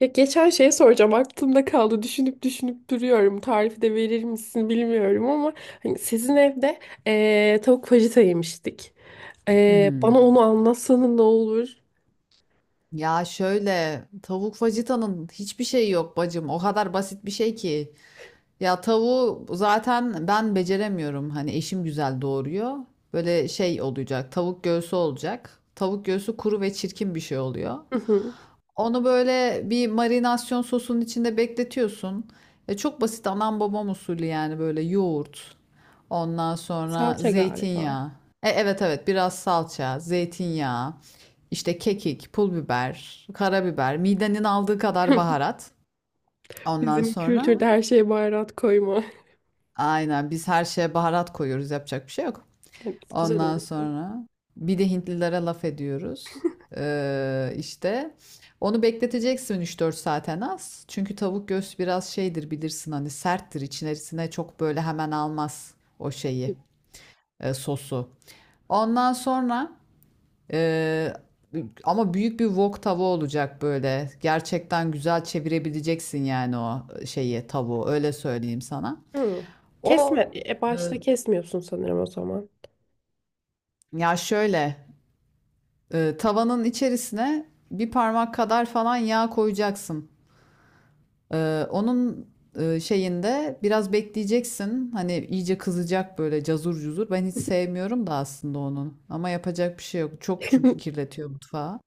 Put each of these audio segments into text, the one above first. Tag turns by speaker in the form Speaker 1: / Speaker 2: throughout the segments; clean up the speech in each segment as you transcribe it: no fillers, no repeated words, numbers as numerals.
Speaker 1: Ya geçen şeye soracağım, aklımda kaldı, düşünüp düşünüp duruyorum, tarifi de verir misin bilmiyorum ama hani sizin evde tavuk fajita yemiştik.
Speaker 2: Hı hı.
Speaker 1: Bana onu anlatsanın ne olur?
Speaker 2: Ya şöyle, tavuk fajitanın hiçbir şeyi yok bacım. O kadar basit bir şey ki. Ya tavuğu zaten ben beceremiyorum. Hani eşim güzel doğuruyor. Böyle şey olacak. Tavuk göğsü olacak. Tavuk göğsü kuru ve çirkin bir şey oluyor.
Speaker 1: Hı hı.
Speaker 2: Onu böyle bir marinasyon sosunun içinde bekletiyorsun. Çok basit, anam babam usulü, yani böyle yoğurt. Ondan sonra
Speaker 1: Salça galiba.
Speaker 2: zeytinyağı. Evet, biraz salça, zeytinyağı, işte kekik, pul biber, karabiber, midenin aldığı kadar baharat. Ondan
Speaker 1: Bizim
Speaker 2: sonra
Speaker 1: kültürde her şeye baharat koyma.
Speaker 2: aynen, biz her şeye baharat koyuyoruz, yapacak bir şey yok.
Speaker 1: Evet, güzel
Speaker 2: Ondan
Speaker 1: oluyor.
Speaker 2: sonra bir de Hintlilere laf ediyoruz. İşte onu bekleteceksin üç dört saat en az. Çünkü tavuk göğsü biraz şeydir, bilirsin, hani serttir, içerisine çok böyle hemen almaz o şeyi, sosu. Ondan sonra e, ama büyük bir wok tava olacak böyle. Gerçekten güzel çevirebileceksin yani o şeyi, tavuğu, öyle söyleyeyim sana.
Speaker 1: Hı.
Speaker 2: O
Speaker 1: Kesme,
Speaker 2: e,
Speaker 1: başta kesmiyorsun sanırım o zaman.
Speaker 2: ya şöyle Tavanın içerisine bir parmak kadar falan yağ koyacaksın. Onun şeyinde biraz bekleyeceksin. Hani iyice kızacak böyle, cazur cuzur. Ben hiç sevmiyorum da aslında onun. Ama yapacak bir şey yok. Çok çünkü kirletiyor mutfağı.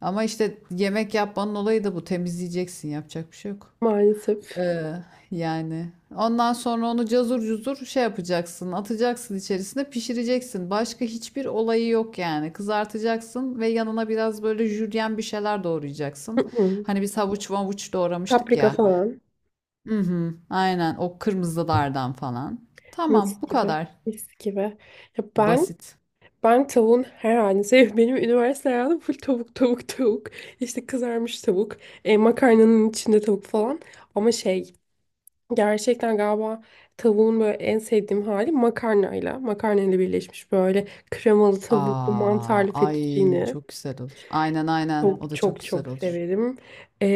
Speaker 2: Ama işte yemek yapmanın olayı da bu. Temizleyeceksin. Yapacak bir şey yok.
Speaker 1: Maalesef.
Speaker 2: Ee, Yani ondan sonra onu cazur cuzur şey yapacaksın, atacaksın içerisine, pişireceksin. Başka hiçbir olayı yok yani. Kızartacaksın ve yanına biraz böyle jülyen bir şeyler
Speaker 1: Hı
Speaker 2: doğrayacaksın.
Speaker 1: hı.
Speaker 2: Hani biz havuç mavuç doğramıştık
Speaker 1: Paprika
Speaker 2: ya.
Speaker 1: falan.
Speaker 2: Hı hı, aynen, o kırmızılardan falan.
Speaker 1: Mis
Speaker 2: Tamam, bu
Speaker 1: gibi.
Speaker 2: kadar.
Speaker 1: Mis gibi. Ya ben
Speaker 2: Basit.
Speaker 1: Ben tavuğun her halini seviyorum. Benim üniversite hayatım full tavuk. İşte kızarmış tavuk. Makarnanın içinde tavuk falan. Ama şey gerçekten galiba tavuğun böyle en sevdiğim hali makarnayla. Makarnayla birleşmiş böyle kremalı tavuklu
Speaker 2: Aa,
Speaker 1: mantarlı
Speaker 2: ay
Speaker 1: fettuccine.
Speaker 2: çok güzel olur. Aynen, o
Speaker 1: Çok
Speaker 2: da çok
Speaker 1: çok
Speaker 2: güzel
Speaker 1: çok
Speaker 2: olur.
Speaker 1: severim. E,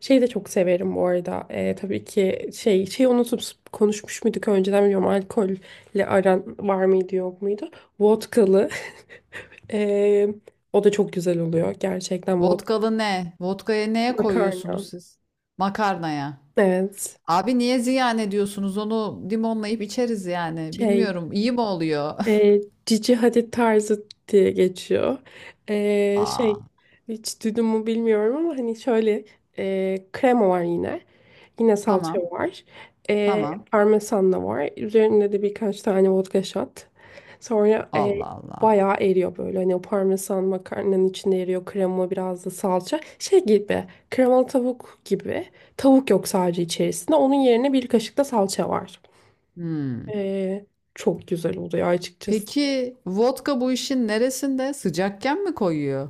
Speaker 1: Şey de çok severim bu arada. E, tabii ki şey unutup konuşmuş muyduk önceden bilmiyorum, alkolle aran var mıydı yok muydu? Vodkalı ee, o da çok güzel oluyor. Gerçekten bu
Speaker 2: Vodkalı ne? Vodkaya, neye
Speaker 1: makarna.
Speaker 2: koyuyorsunuz siz? Makarnaya.
Speaker 1: Evet.
Speaker 2: Abi niye ziyan ediyorsunuz? Onu limonlayıp içeriz yani.
Speaker 1: Şey,
Speaker 2: Bilmiyorum, iyi mi oluyor?
Speaker 1: e, Cici Hadid tarzı diye geçiyor. Ee,
Speaker 2: Aa,
Speaker 1: şey, Hiç duydun mu bilmiyorum ama hani şöyle krema var yine. Yine salça
Speaker 2: tamam.
Speaker 1: var.
Speaker 2: Tamam.
Speaker 1: Parmesan da var. Üzerinde de birkaç tane vodka shot. Sonra
Speaker 2: Allah Allah.
Speaker 1: bayağı eriyor böyle. Hani o parmesan makarnanın içinde eriyor. Krema biraz da salça. Şey gibi. Kremalı tavuk gibi. Tavuk yok sadece içerisinde. Onun yerine bir kaşık da salça var.
Speaker 2: Hmm.
Speaker 1: Ee, Çok güzel oluyor açıkçası.
Speaker 2: Peki vodka bu işin neresinde? Sıcakken mi koyuyor?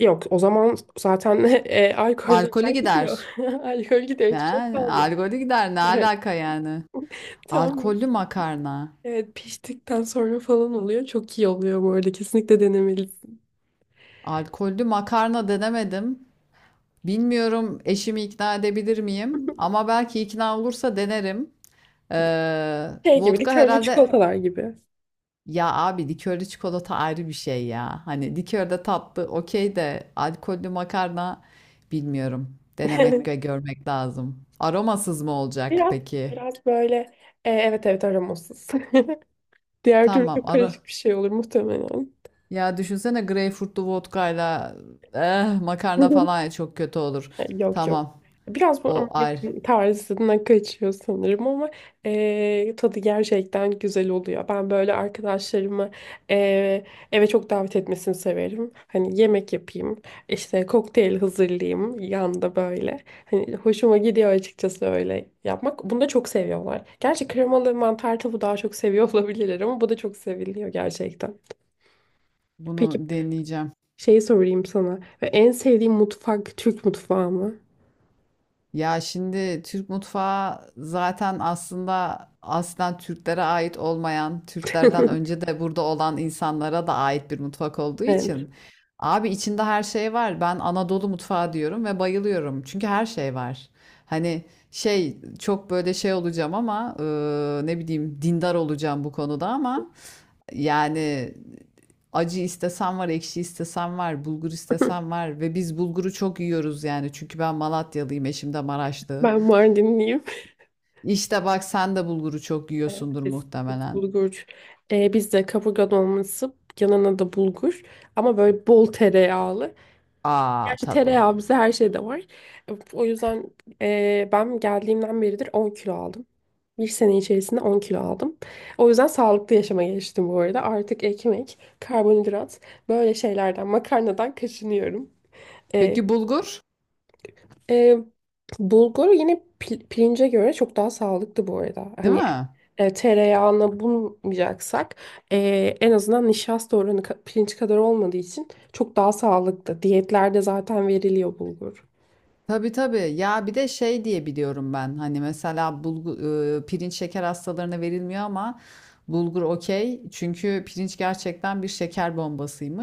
Speaker 1: Yok, o zaman zaten alkol
Speaker 2: Alkolü
Speaker 1: zaten gidiyor.
Speaker 2: gider.
Speaker 1: Alkol gidiyor. Hiçbir şey
Speaker 2: Yani,
Speaker 1: kalmıyor.
Speaker 2: alkolü gider. Ne
Speaker 1: Evet.
Speaker 2: alaka yani?
Speaker 1: Tamam.
Speaker 2: Alkollü makarna.
Speaker 1: Evet, piştikten sonra falan oluyor. Çok iyi oluyor bu arada. Kesinlikle denemelisin.
Speaker 2: Alkollü makarna denemedim. Bilmiyorum, eşimi ikna edebilir miyim? Ama belki ikna olursa denerim. Ee,
Speaker 1: Şey gibi,
Speaker 2: Vodka
Speaker 1: likörlü
Speaker 2: herhalde.
Speaker 1: çikolatalar gibi.
Speaker 2: Ya abi likörlü çikolata ayrı bir şey ya. Hani likörde tatlı okey, de alkollü makarna bilmiyorum. Denemek ve görmek lazım. Aromasız mı olacak
Speaker 1: Biraz,
Speaker 2: peki?
Speaker 1: biraz böyle evet evet aromasız. Diğer türlü
Speaker 2: Tamam
Speaker 1: çok
Speaker 2: arı.
Speaker 1: karışık bir şey olur muhtemelen.
Speaker 2: Ya düşünsene, greyfurtlu vodkayla makarna falan çok kötü olur.
Speaker 1: Yok yok.
Speaker 2: Tamam,
Speaker 1: Biraz bu
Speaker 2: o ayrı.
Speaker 1: Amerikan tarzına kaçıyor sanırım ama tadı gerçekten güzel oluyor. Ben böyle arkadaşlarımı eee, eve çok davet etmesini severim. Hani yemek yapayım, işte kokteyl hazırlayayım yanında böyle. Hani hoşuma gidiyor açıkçası öyle yapmak. Bunu da çok seviyorlar. Gerçi kremalı mantar tavuğu daha çok seviyor olabilirler ama bu da çok seviliyor gerçekten. Peki
Speaker 2: Bunu deneyeceğim.
Speaker 1: şeyi sorayım sana. En sevdiğin mutfak Türk mutfağı mı?
Speaker 2: Ya şimdi Türk mutfağı zaten aslında aslen Türklere ait olmayan, Türklerden önce de burada olan insanlara da ait bir mutfak olduğu
Speaker 1: Evet.
Speaker 2: için. Abi içinde her şey var. Ben Anadolu mutfağı diyorum ve bayılıyorum. Çünkü her şey var. Hani şey, çok böyle şey olacağım ama ne bileyim, dindar olacağım bu konuda ama yani acı istesem var, ekşi istesem var, bulgur
Speaker 1: Hı.
Speaker 2: istesem var ve biz bulguru çok yiyoruz yani. Çünkü ben Malatyalıyım, eşim de Maraşlı.
Speaker 1: Ben Mardinliyim.
Speaker 2: İşte bak sen de bulguru çok
Speaker 1: Evet.
Speaker 2: yiyorsundur
Speaker 1: Biz
Speaker 2: muhtemelen.
Speaker 1: bulgur. Bizde kaburga dolması, yanına da bulgur. Ama böyle bol tereyağlı.
Speaker 2: Aa
Speaker 1: Gerçi
Speaker 2: tabii.
Speaker 1: tereyağı bize her şeyde var. O yüzden ben geldiğimden beridir 10 kilo aldım. Bir sene içerisinde 10 kilo aldım. O yüzden sağlıklı yaşama geçtim bu arada. Artık ekmek, karbonhidrat, böyle şeylerden, makarnadan kaçınıyorum. Ee,
Speaker 2: Peki bulgur,
Speaker 1: Ee, Bulgur yine pirince göre çok daha sağlıklı bu arada.
Speaker 2: değil
Speaker 1: Hani
Speaker 2: mi?
Speaker 1: tereyağına bulmayacaksak e, en azından nişasta oranı pirinç kadar olmadığı için çok daha sağlıklı. Diyetlerde zaten veriliyor bulgur.
Speaker 2: Tabii tabii. Ya bir de şey diye biliyorum ben. Hani mesela bulgu, pirinç şeker hastalarına verilmiyor ama bulgur okey. Çünkü pirinç gerçekten bir şeker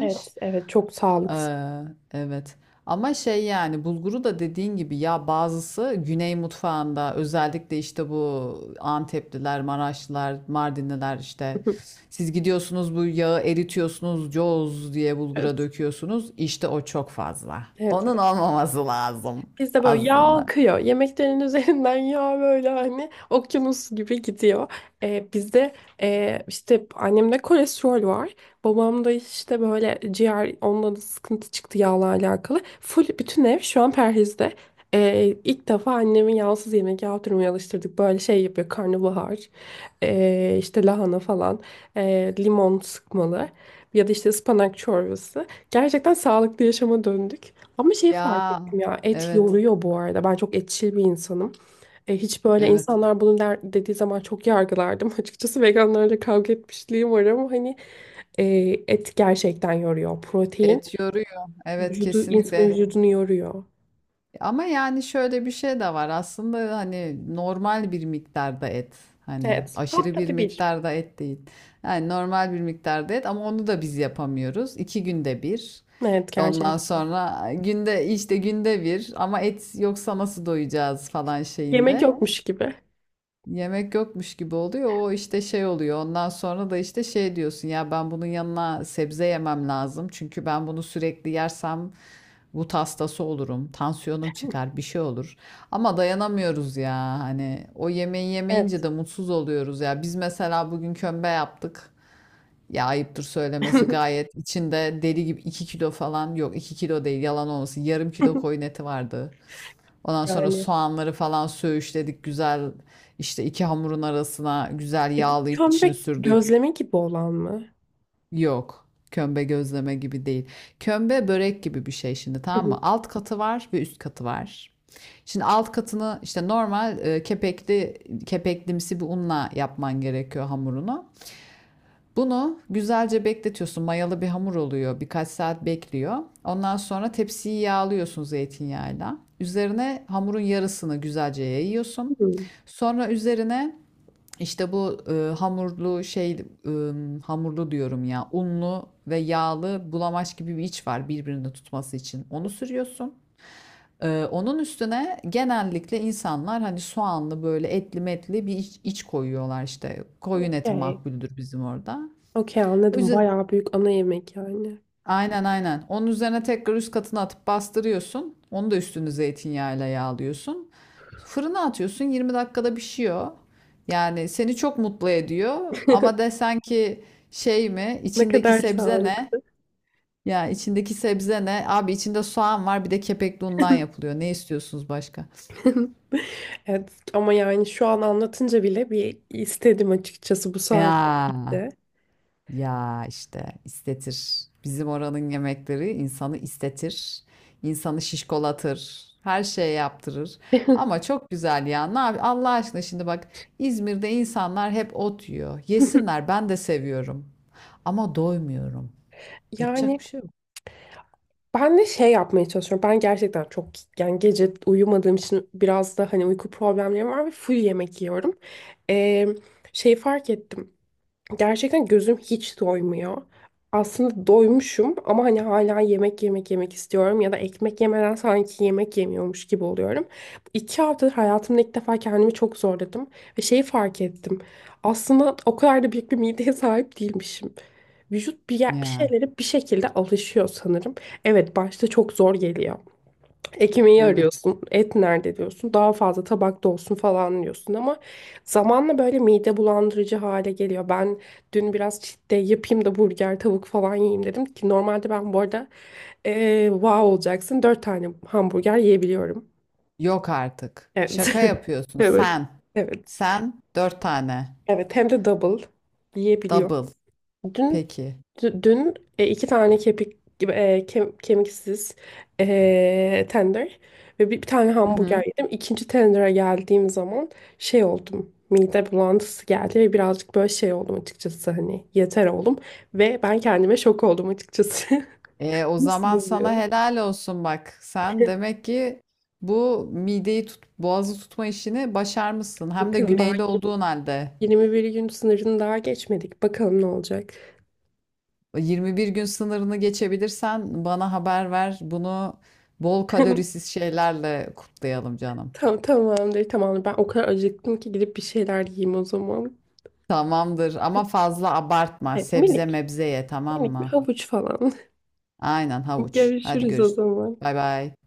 Speaker 1: Evet, evet çok sağlıklı.
Speaker 2: Ee, evet. Ama şey, yani bulguru da dediğin gibi ya, bazısı Güney mutfağında, özellikle işte bu Antepliler, Maraşlılar, Mardinliler, işte siz gidiyorsunuz bu yağı eritiyorsunuz, coz diye bulgura
Speaker 1: Evet,
Speaker 2: döküyorsunuz. İşte o çok fazla.
Speaker 1: evet.
Speaker 2: Onun olmaması lazım
Speaker 1: Bizde böyle yağ
Speaker 2: aslında.
Speaker 1: akıyor. Yemeklerin üzerinden yağ, böyle hani okyanus gibi gidiyor. Bizde işte annemde kolesterol var. Babamda işte böyle ciğer, onunla da sıkıntı çıktı yağla alakalı. Full bütün ev şu an perhizde. İlk defa annemi yağsız yemek yaptırmaya alıştırdık. Böyle şey yapıyor: karnabahar, işte lahana falan, limon sıkmalı ya da işte ıspanak çorbası. Gerçekten sağlıklı yaşama döndük. Ama şey fark
Speaker 2: Ya
Speaker 1: ettim ya, et
Speaker 2: evet
Speaker 1: yoruyor bu arada. Ben çok etçil bir insanım. Hiç böyle
Speaker 2: evet.
Speaker 1: insanlar bunu dediği zaman çok yargılardım. Açıkçası veganlarla kavga etmişliğim var ama hani e, et gerçekten yoruyor. Protein
Speaker 2: Et yoruyor. Evet,
Speaker 1: insanın
Speaker 2: kesinlikle.
Speaker 1: vücudunu yoruyor.
Speaker 2: Ama yani şöyle bir şey de var. Aslında hani normal bir miktarda et. Hani
Speaker 1: Evet.
Speaker 2: aşırı bir
Speaker 1: Haftada bir.
Speaker 2: miktarda et değil. Yani normal bir miktarda et ama onu da biz yapamıyoruz. İki günde bir.
Speaker 1: Evet,
Speaker 2: Ondan
Speaker 1: gerçek.
Speaker 2: sonra günde, işte günde bir, ama et yoksa nasıl doyacağız falan
Speaker 1: Yemek
Speaker 2: şeyinde.
Speaker 1: yokmuş gibi.
Speaker 2: Yemek yokmuş gibi oluyor. O işte şey oluyor. Ondan sonra da işte şey diyorsun ya, ben bunun yanına sebze yemem lazım. Çünkü ben bunu sürekli yersem gut hastası olurum. Tansiyonum çıkar, bir şey olur. Ama dayanamıyoruz ya. Hani o yemeği yemeyince
Speaker 1: Evet.
Speaker 2: de mutsuz oluyoruz ya. Biz mesela bugün kömbe yaptık. Ya ayıptır söylemesi, gayet içinde deli gibi 2 kilo, falan yok 2 kilo değil, yalan olmasın, yarım kilo koyun eti vardı. Ondan sonra
Speaker 1: Yani.
Speaker 2: soğanları falan söğüşledik güzel, işte iki hamurun arasına güzel
Speaker 1: Bu
Speaker 2: yağlı içini
Speaker 1: kömbek
Speaker 2: sürdük.
Speaker 1: gözleme gibi olan mı?
Speaker 2: Yok. Kömbe gözleme gibi değil. Kömbe börek gibi bir şey şimdi,
Speaker 1: Hı
Speaker 2: tamam mı?
Speaker 1: hı.
Speaker 2: Alt katı var ve üst katı var. Şimdi alt katını işte normal, kepekli kepeklimsi bir unla yapman gerekiyor hamurunu. Bunu güzelce bekletiyorsun. Mayalı bir hamur oluyor. Birkaç saat bekliyor. Ondan sonra tepsiyi yağlıyorsun zeytinyağıyla. Üzerine hamurun yarısını güzelce yayıyorsun.
Speaker 1: Hmm.
Speaker 2: Sonra üzerine işte bu hamurlu şey, e, hamurlu diyorum ya, unlu ve yağlı bulamaç gibi bir iç var birbirini tutması için. Onu sürüyorsun. Onun üstüne genellikle insanlar hani soğanlı böyle etli metli bir iç, koyuyorlar işte. Koyun eti
Speaker 1: Okey.
Speaker 2: makbuldür bizim orada.
Speaker 1: Okey, anladım.
Speaker 2: Üze-
Speaker 1: Bayağı büyük ana yemek yani.
Speaker 2: Aynen. Onun üzerine tekrar üst katına atıp bastırıyorsun. Onu da üstünü zeytinyağıyla yağlıyorsun. Fırına atıyorsun. 20 dakikada pişiyor. Yani seni çok mutlu ediyor. Ama desen ki şey mi?
Speaker 1: Ne
Speaker 2: İçindeki
Speaker 1: kadar
Speaker 2: sebze
Speaker 1: sağlık.
Speaker 2: ne? Ya içindeki sebze ne? Abi içinde soğan var, bir de kepekli undan yapılıyor. Ne istiyorsunuz başka?
Speaker 1: Evet, ama yani şu an anlatınca bile bir istedim açıkçası bu saatte.
Speaker 2: Ya.
Speaker 1: De.
Speaker 2: Ya işte istetir. Bizim oranın yemekleri insanı istetir. İnsanı şişkolatır. Her şeye yaptırır. Ama çok güzel ya. Ne yap- Allah aşkına, şimdi bak, İzmir'de insanlar hep ot yiyor. Yesinler, ben de seviyorum. Ama doymuyorum. Yapacak
Speaker 1: Yani
Speaker 2: bir şey yok.
Speaker 1: ben de şey yapmaya çalışıyorum. Ben gerçekten çok, yani gece uyumadığım için biraz da hani uyku problemlerim var ve full yemek yiyorum. Ee, Şey fark ettim. Gerçekten gözüm hiç doymuyor. Aslında doymuşum ama hani hala yemek yemek istiyorum ya da ekmek yemeden sanki yemek yemiyormuş gibi oluyorum. İki haftadır hayatımda ilk defa kendimi çok zorladım ve şeyi fark ettim. Aslında o kadar da büyük bir mideye sahip değilmişim. Vücut bir
Speaker 2: Ya
Speaker 1: şeylere bir şekilde alışıyor sanırım. Evet, başta çok zor geliyor. Ekmeği
Speaker 2: evet.
Speaker 1: arıyorsun, et nerede diyorsun, daha fazla tabakta olsun falan diyorsun ama zamanla böyle mide bulandırıcı hale geliyor. Ben dün biraz cheat day yapayım da burger, tavuk falan yiyeyim dedim ki normalde ben bu arada wow olacaksın, dört tane hamburger yiyebiliyorum.
Speaker 2: Yok artık.
Speaker 1: Evet,
Speaker 2: Şaka yapıyorsun
Speaker 1: evet,
Speaker 2: sen.
Speaker 1: evet,
Speaker 2: Sen dört tane.
Speaker 1: evet, hem de double yiyebiliyorum.
Speaker 2: Double.
Speaker 1: Dün
Speaker 2: Peki.
Speaker 1: Dün iki tane kepik gibi, kemiksiz, tender ve bir tane
Speaker 2: Hı
Speaker 1: hamburger
Speaker 2: hı.
Speaker 1: yedim. İkinci tender'a geldiğim zaman şey oldum. Mide bulantısı geldi ve birazcık böyle şey oldum açıkçası, hani yeter oldum ve ben kendime şok oldum açıkçası.
Speaker 2: O
Speaker 1: Nasıl
Speaker 2: zaman sana
Speaker 1: oluyor?
Speaker 2: helal olsun bak. Sen demek ki bu mideyi tut, boğazı tutma işini başarmışsın. Hem de
Speaker 1: Bakın, daha
Speaker 2: güneyli olduğun halde.
Speaker 1: 21 gün sınırını daha geçmedik. Bakalım ne olacak.
Speaker 2: 21 gün sınırını geçebilirsen bana haber ver. Bunu bol kalorisiz şeylerle kutlayalım canım.
Speaker 1: Tamam, tamamdır. Ben o kadar acıktım ki gidip bir şeyler yiyeyim o zaman.
Speaker 2: Tamamdır ama fazla abartma.
Speaker 1: Evet,
Speaker 2: Sebze mebze ye, tamam
Speaker 1: minik bir
Speaker 2: mı?
Speaker 1: havuç falan.
Speaker 2: Aynen, havuç. Hadi
Speaker 1: Görüşürüz o
Speaker 2: görüşürüz.
Speaker 1: zaman.
Speaker 2: Bay bay.